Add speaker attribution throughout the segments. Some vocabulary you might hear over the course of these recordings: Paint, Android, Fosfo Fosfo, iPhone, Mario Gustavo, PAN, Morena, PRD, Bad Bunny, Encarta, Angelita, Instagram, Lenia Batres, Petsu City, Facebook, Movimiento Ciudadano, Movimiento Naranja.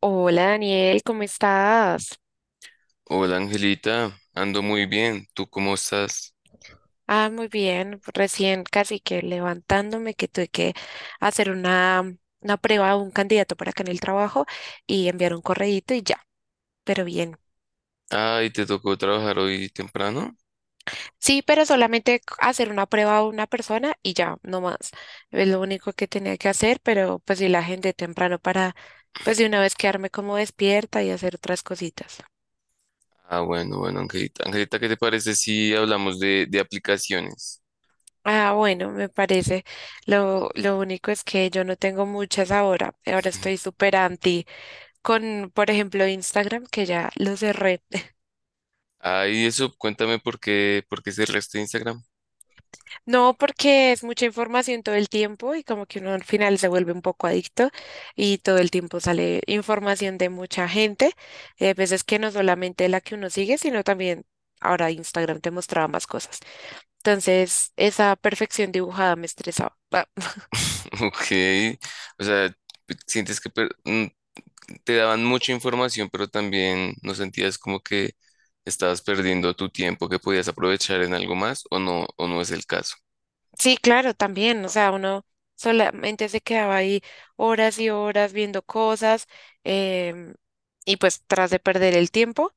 Speaker 1: Hola, Daniel, ¿cómo estás?
Speaker 2: Hola Angelita, ando muy bien. ¿Tú cómo estás?
Speaker 1: Ah, muy bien, recién casi que levantándome, que tuve que hacer una prueba a un candidato para acá en el trabajo y enviar un correíto y ya, pero bien.
Speaker 2: Ay, ¿te tocó trabajar hoy temprano?
Speaker 1: Sí, pero solamente hacer una prueba a una persona y ya, no más. Es lo único que tenía que hacer, pero pues sí la gente temprano para pues de una vez quedarme como despierta y hacer otras cositas.
Speaker 2: Ah, bueno, bueno, Angelita. Angelita, ¿qué te parece si hablamos de aplicaciones?
Speaker 1: Ah, bueno, me parece. Lo único es que yo no tengo muchas ahora. Ahora estoy súper anti con, por ejemplo, Instagram, que ya lo cerré.
Speaker 2: Ay, eso, cuéntame por qué cerraste Instagram.
Speaker 1: No, porque es mucha información todo el tiempo y como que uno al final se vuelve un poco adicto y todo el tiempo sale información de mucha gente. Y hay veces que no solamente la que uno sigue, sino también ahora Instagram te mostraba más cosas. Entonces, esa perfección dibujada me estresaba.
Speaker 2: Ok, o sea, ¿sientes que te daban mucha información, pero también no sentías como que estabas perdiendo tu tiempo que podías aprovechar en algo más o no es el caso.
Speaker 1: Sí, claro, también, o sea, uno solamente se quedaba ahí horas y horas viendo cosas, em, y pues tras de perder el tiempo,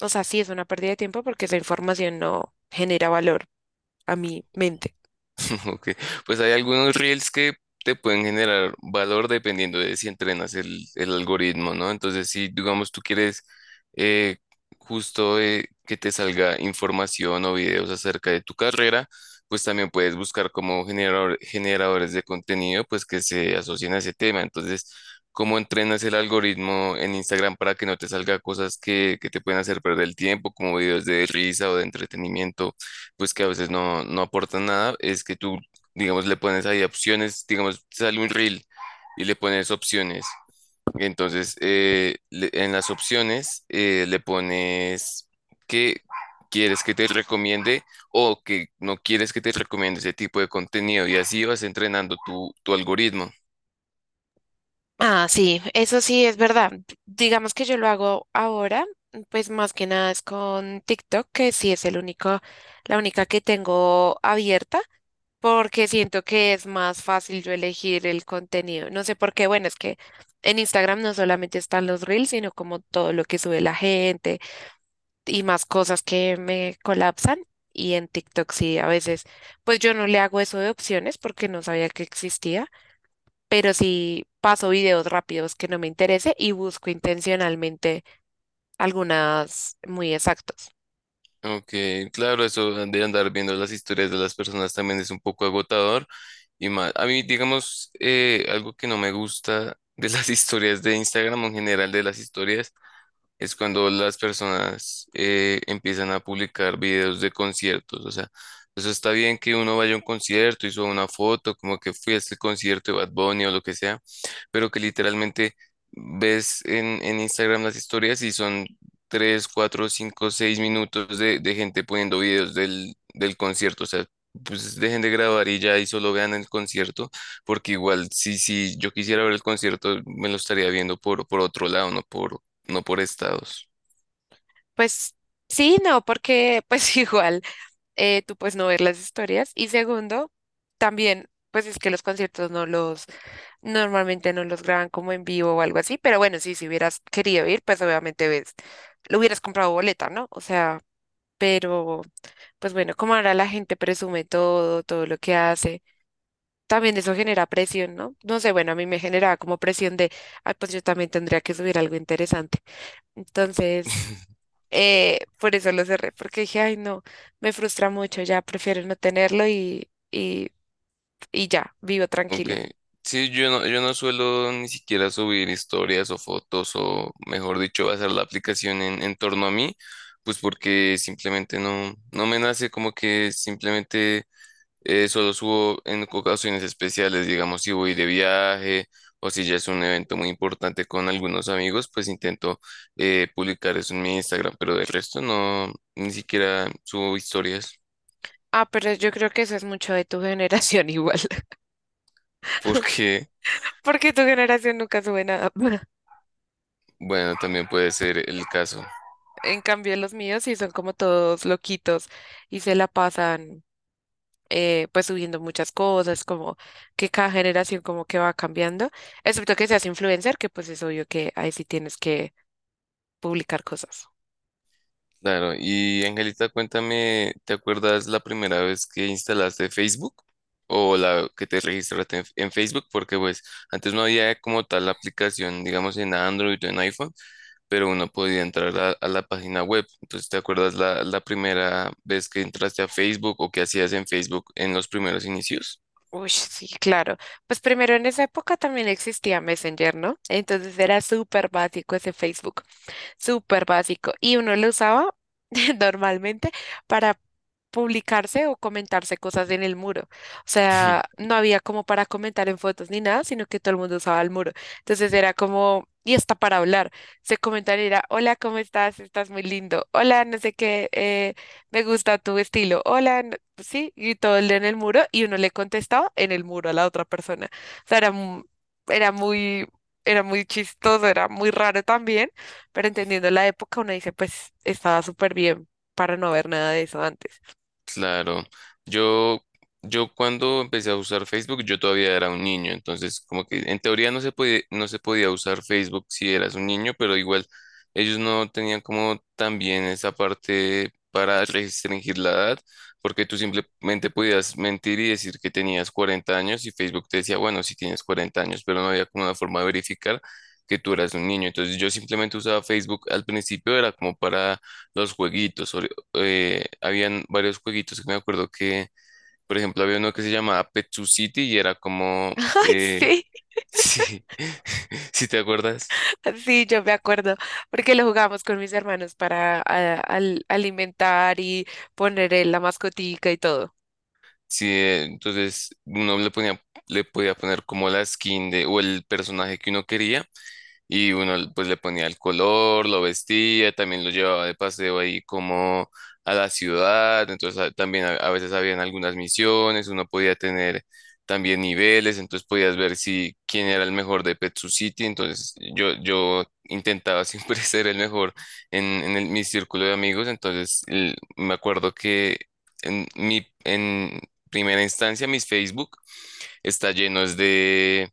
Speaker 1: o sea, sí es una pérdida de tiempo porque esa información no genera valor a mi mente.
Speaker 2: Ok, pues hay algunos reels que te pueden generar valor dependiendo de si entrenas el algoritmo, ¿no? Entonces, si digamos tú quieres eh, justo que te salga información o videos acerca de tu carrera, pues también puedes buscar como generadores de contenido, pues que se asocien a ese tema. Entonces, ¿cómo entrenas el algoritmo en Instagram para que no te salga cosas que te pueden hacer perder el tiempo, como videos de risa o de entretenimiento? Pues que a veces no, no aportan nada, es que tú, digamos, le pones ahí opciones, digamos, sale un reel y le pones opciones. Entonces, en las opciones le pones que quieres que te recomiende o que no quieres que te recomiende ese tipo de contenido y así vas entrenando tu algoritmo.
Speaker 1: Ah, sí, eso sí es verdad. Digamos que yo lo hago ahora, pues más que nada es con TikTok, que sí es el único, la única que tengo abierta. Porque siento que es más fácil yo elegir el contenido. No sé por qué, bueno, es que en Instagram no solamente están los reels, sino como todo lo que sube la gente y más cosas que me colapsan. Y en TikTok sí, a veces, pues yo no le hago eso de opciones porque no sabía que existía, pero sí paso videos rápidos que no me interese y busco intencionalmente algunas muy exactos.
Speaker 2: Ok, claro, eso de andar viendo las historias de las personas también es un poco agotador y más. A mí, digamos, algo que no me gusta de las historias de Instagram o en general de las historias es cuando las personas empiezan a publicar videos de conciertos. O sea, eso está bien que uno vaya a un concierto y suba una foto, como que fui a este concierto de Bad Bunny o lo que sea, pero que literalmente ves en Instagram las historias y son 3, 4, 5, 6 minutos de gente poniendo videos del concierto. O sea, pues dejen de grabar y ya y solo vean el concierto, porque igual si yo quisiera ver el concierto, me lo estaría viendo por otro lado, no por, no por estados.
Speaker 1: Pues sí, no, porque pues igual. Tú puedes no ver las historias. Y segundo, también, pues es que los conciertos normalmente no los graban como en vivo o algo así, pero bueno, sí, si hubieras querido ir, pues obviamente ves, lo hubieras comprado boleta, ¿no? O sea, pero pues bueno, como ahora la gente presume todo, todo lo que hace. También eso genera presión, ¿no? No sé, bueno, a mí me generaba como presión de, ay, pues yo también tendría que subir algo interesante. Entonces, por eso lo cerré, porque dije, ay, no, me frustra mucho, ya prefiero no tenerlo y ya, vivo
Speaker 2: Ok.
Speaker 1: tranquila.
Speaker 2: Sí, yo no, yo no suelo ni siquiera subir historias o fotos o, mejor dicho, basar la aplicación en torno a mí, pues porque simplemente no, no me nace como que simplemente solo subo en ocasiones especiales, digamos, si voy de viaje o si ya es un evento muy importante con algunos amigos, pues intento publicar eso en mi Instagram, pero del resto no, ni siquiera subo historias
Speaker 1: Ah, pero yo creo que eso es mucho de tu generación, igual,
Speaker 2: porque...
Speaker 1: porque tu generación nunca sube nada.
Speaker 2: Bueno, también puede ser el caso.
Speaker 1: En cambio, los míos sí son como todos loquitos y se la pasan, pues subiendo muchas cosas, como que cada generación como que va cambiando, excepto que seas influencer, que pues es obvio que ahí sí tienes que publicar cosas.
Speaker 2: Claro. Y Angelita, cuéntame, ¿te acuerdas la primera vez que instalaste Facebook o la que te registraste en Facebook? Porque pues antes no había como tal la aplicación, digamos en Android o en iPhone, pero uno podía entrar a la página web. Entonces, ¿te acuerdas la primera vez que entraste a Facebook o qué hacías en Facebook en los primeros inicios?
Speaker 1: Uy, sí, claro. Pues primero en esa época también existía Messenger, ¿no? Entonces era súper básico ese Facebook, súper básico. Y uno lo usaba normalmente para publicarse o comentarse cosas en el muro. O sea, no había como para comentar en fotos ni nada, sino que todo el mundo usaba el muro. Entonces era como, y hasta para hablar. Se comentaban y era, hola, ¿cómo estás? Estás muy lindo. Hola, no sé qué, me gusta tu estilo. Hola, sí, y todo el en el muro y uno le contestaba en el muro a la otra persona. O sea, era muy, era muy chistoso, era muy raro también, pero entendiendo la época, uno dice, pues estaba súper bien para no ver nada de eso antes.
Speaker 2: Claro, yo, yo cuando empecé a usar Facebook, yo todavía era un niño, entonces como que en teoría no se podía, no se podía usar Facebook si eras un niño, pero igual ellos no tenían como también esa parte para restringir la edad, porque tú simplemente podías mentir y decir que tenías 40 años y Facebook te decía, bueno, si tienes 40 años, pero no había como una forma de verificar que tú eras un niño, entonces yo simplemente usaba Facebook al principio, era como para los jueguitos habían varios jueguitos que me acuerdo que, por ejemplo, había uno que se llamaba Petsu City y era como,
Speaker 1: Ay,
Speaker 2: eh,
Speaker 1: sí,
Speaker 2: sí, ¿si te acuerdas?
Speaker 1: sí, yo me acuerdo, porque lo jugamos con mis hermanos para alimentar y poner en la mascotica y todo.
Speaker 2: Sí, entonces uno le ponía, le podía poner como la skin de, o el personaje que uno quería. Y uno pues le ponía el color, lo vestía, también lo llevaba de paseo ahí como a la ciudad, entonces también a veces habían algunas misiones, uno podía tener también niveles, entonces podías ver si quién era el mejor de Petsu City. Entonces yo intentaba siempre ser el mejor en mi círculo de amigos, entonces me acuerdo que en primera instancia mis Facebook está lleno es de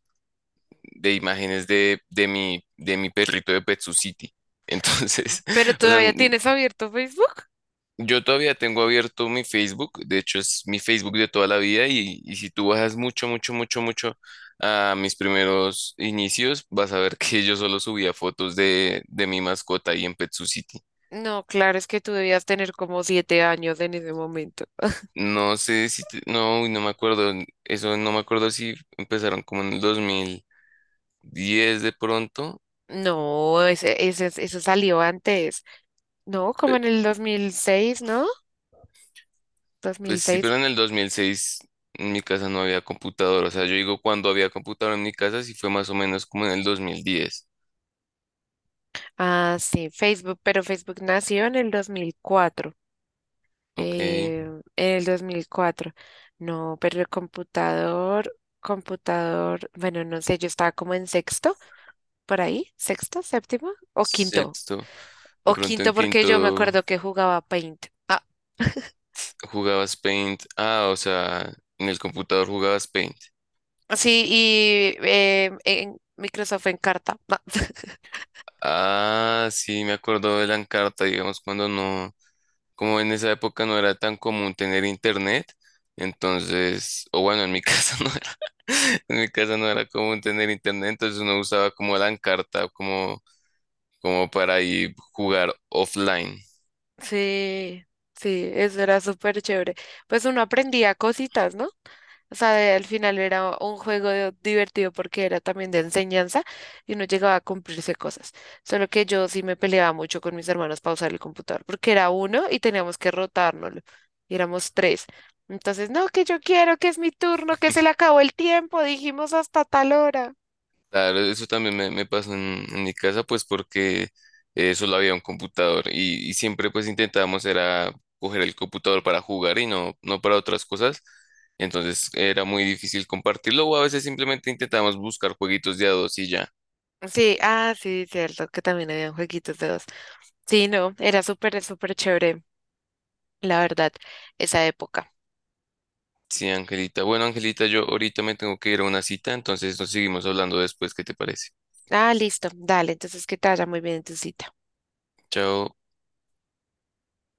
Speaker 2: de imágenes de mi perrito de Pet City. Entonces,
Speaker 1: ¿Pero
Speaker 2: o sea,
Speaker 1: todavía
Speaker 2: n-
Speaker 1: tienes abierto Facebook?
Speaker 2: yo todavía tengo abierto mi Facebook, de hecho es mi Facebook de toda la vida y si tú bajas mucho, mucho, mucho, mucho a mis primeros inicios, vas a ver que yo solo subía fotos de mi mascota ahí en Pet City.
Speaker 1: No, claro, es que tú debías tener como 7 años en ese momento.
Speaker 2: No sé no, uy, no me acuerdo, eso no me acuerdo si empezaron como en el 2010 de pronto.
Speaker 1: No, eso salió antes. No, como en el 2006, ¿no?
Speaker 2: Pues sí,
Speaker 1: 2006.
Speaker 2: pero en el 2006 en mi casa no había computador. O sea, yo digo cuando había computador en mi casa, sí fue más o menos como en el 2010.
Speaker 1: Ah, sí, Facebook, pero Facebook nació en el 2004,
Speaker 2: Ok,
Speaker 1: en el 2004. No, pero el computador, computador, bueno, no sé, yo estaba como en sexto, por ahí, sexto, séptimo o quinto,
Speaker 2: sexto. De
Speaker 1: o
Speaker 2: pronto
Speaker 1: quinto,
Speaker 2: en
Speaker 1: porque yo me
Speaker 2: quinto
Speaker 1: acuerdo que jugaba Paint. Ah,
Speaker 2: jugabas Paint. Ah, o sea, en el computador jugabas Paint.
Speaker 1: sí, y en Microsoft Encarta. No.
Speaker 2: Ah, sí, me acuerdo de la Encarta, digamos, cuando no, como en esa época no era tan común tener internet. Entonces, o bueno, en mi casa no era, en mi casa no era común tener internet, entonces uno usaba como la Encarta, como como para ahí jugar offline.
Speaker 1: Sí, sí, eso era súper chévere. Pues uno aprendía cositas, ¿no? O sea, al final era un juego divertido porque era también de enseñanza y uno llegaba a cumplirse cosas. Solo que yo sí me peleaba mucho con mis hermanos para usar el computador porque era uno y teníamos que rotárnoslo. Y éramos tres. Entonces, no, que yo quiero, que es mi turno, que se le acabó el tiempo, dijimos hasta tal hora.
Speaker 2: Claro, eso también me pasó en mi casa, pues porque solo había un computador y siempre pues intentábamos era coger el computador para jugar y no, no para otras cosas. Entonces era muy difícil compartirlo o a veces simplemente intentábamos buscar jueguitos de a dos y ya.
Speaker 1: Sí, ah, sí, cierto, que también habían jueguitos de dos. Sí, no, era súper, súper chévere, la verdad, esa época.
Speaker 2: Sí, Angelita. Bueno, Angelita, yo ahorita me tengo que ir a una cita, entonces nos seguimos hablando después. ¿Qué te parece?
Speaker 1: Ah, listo, dale, entonces que te vaya muy bien en tu cita.
Speaker 2: Chao.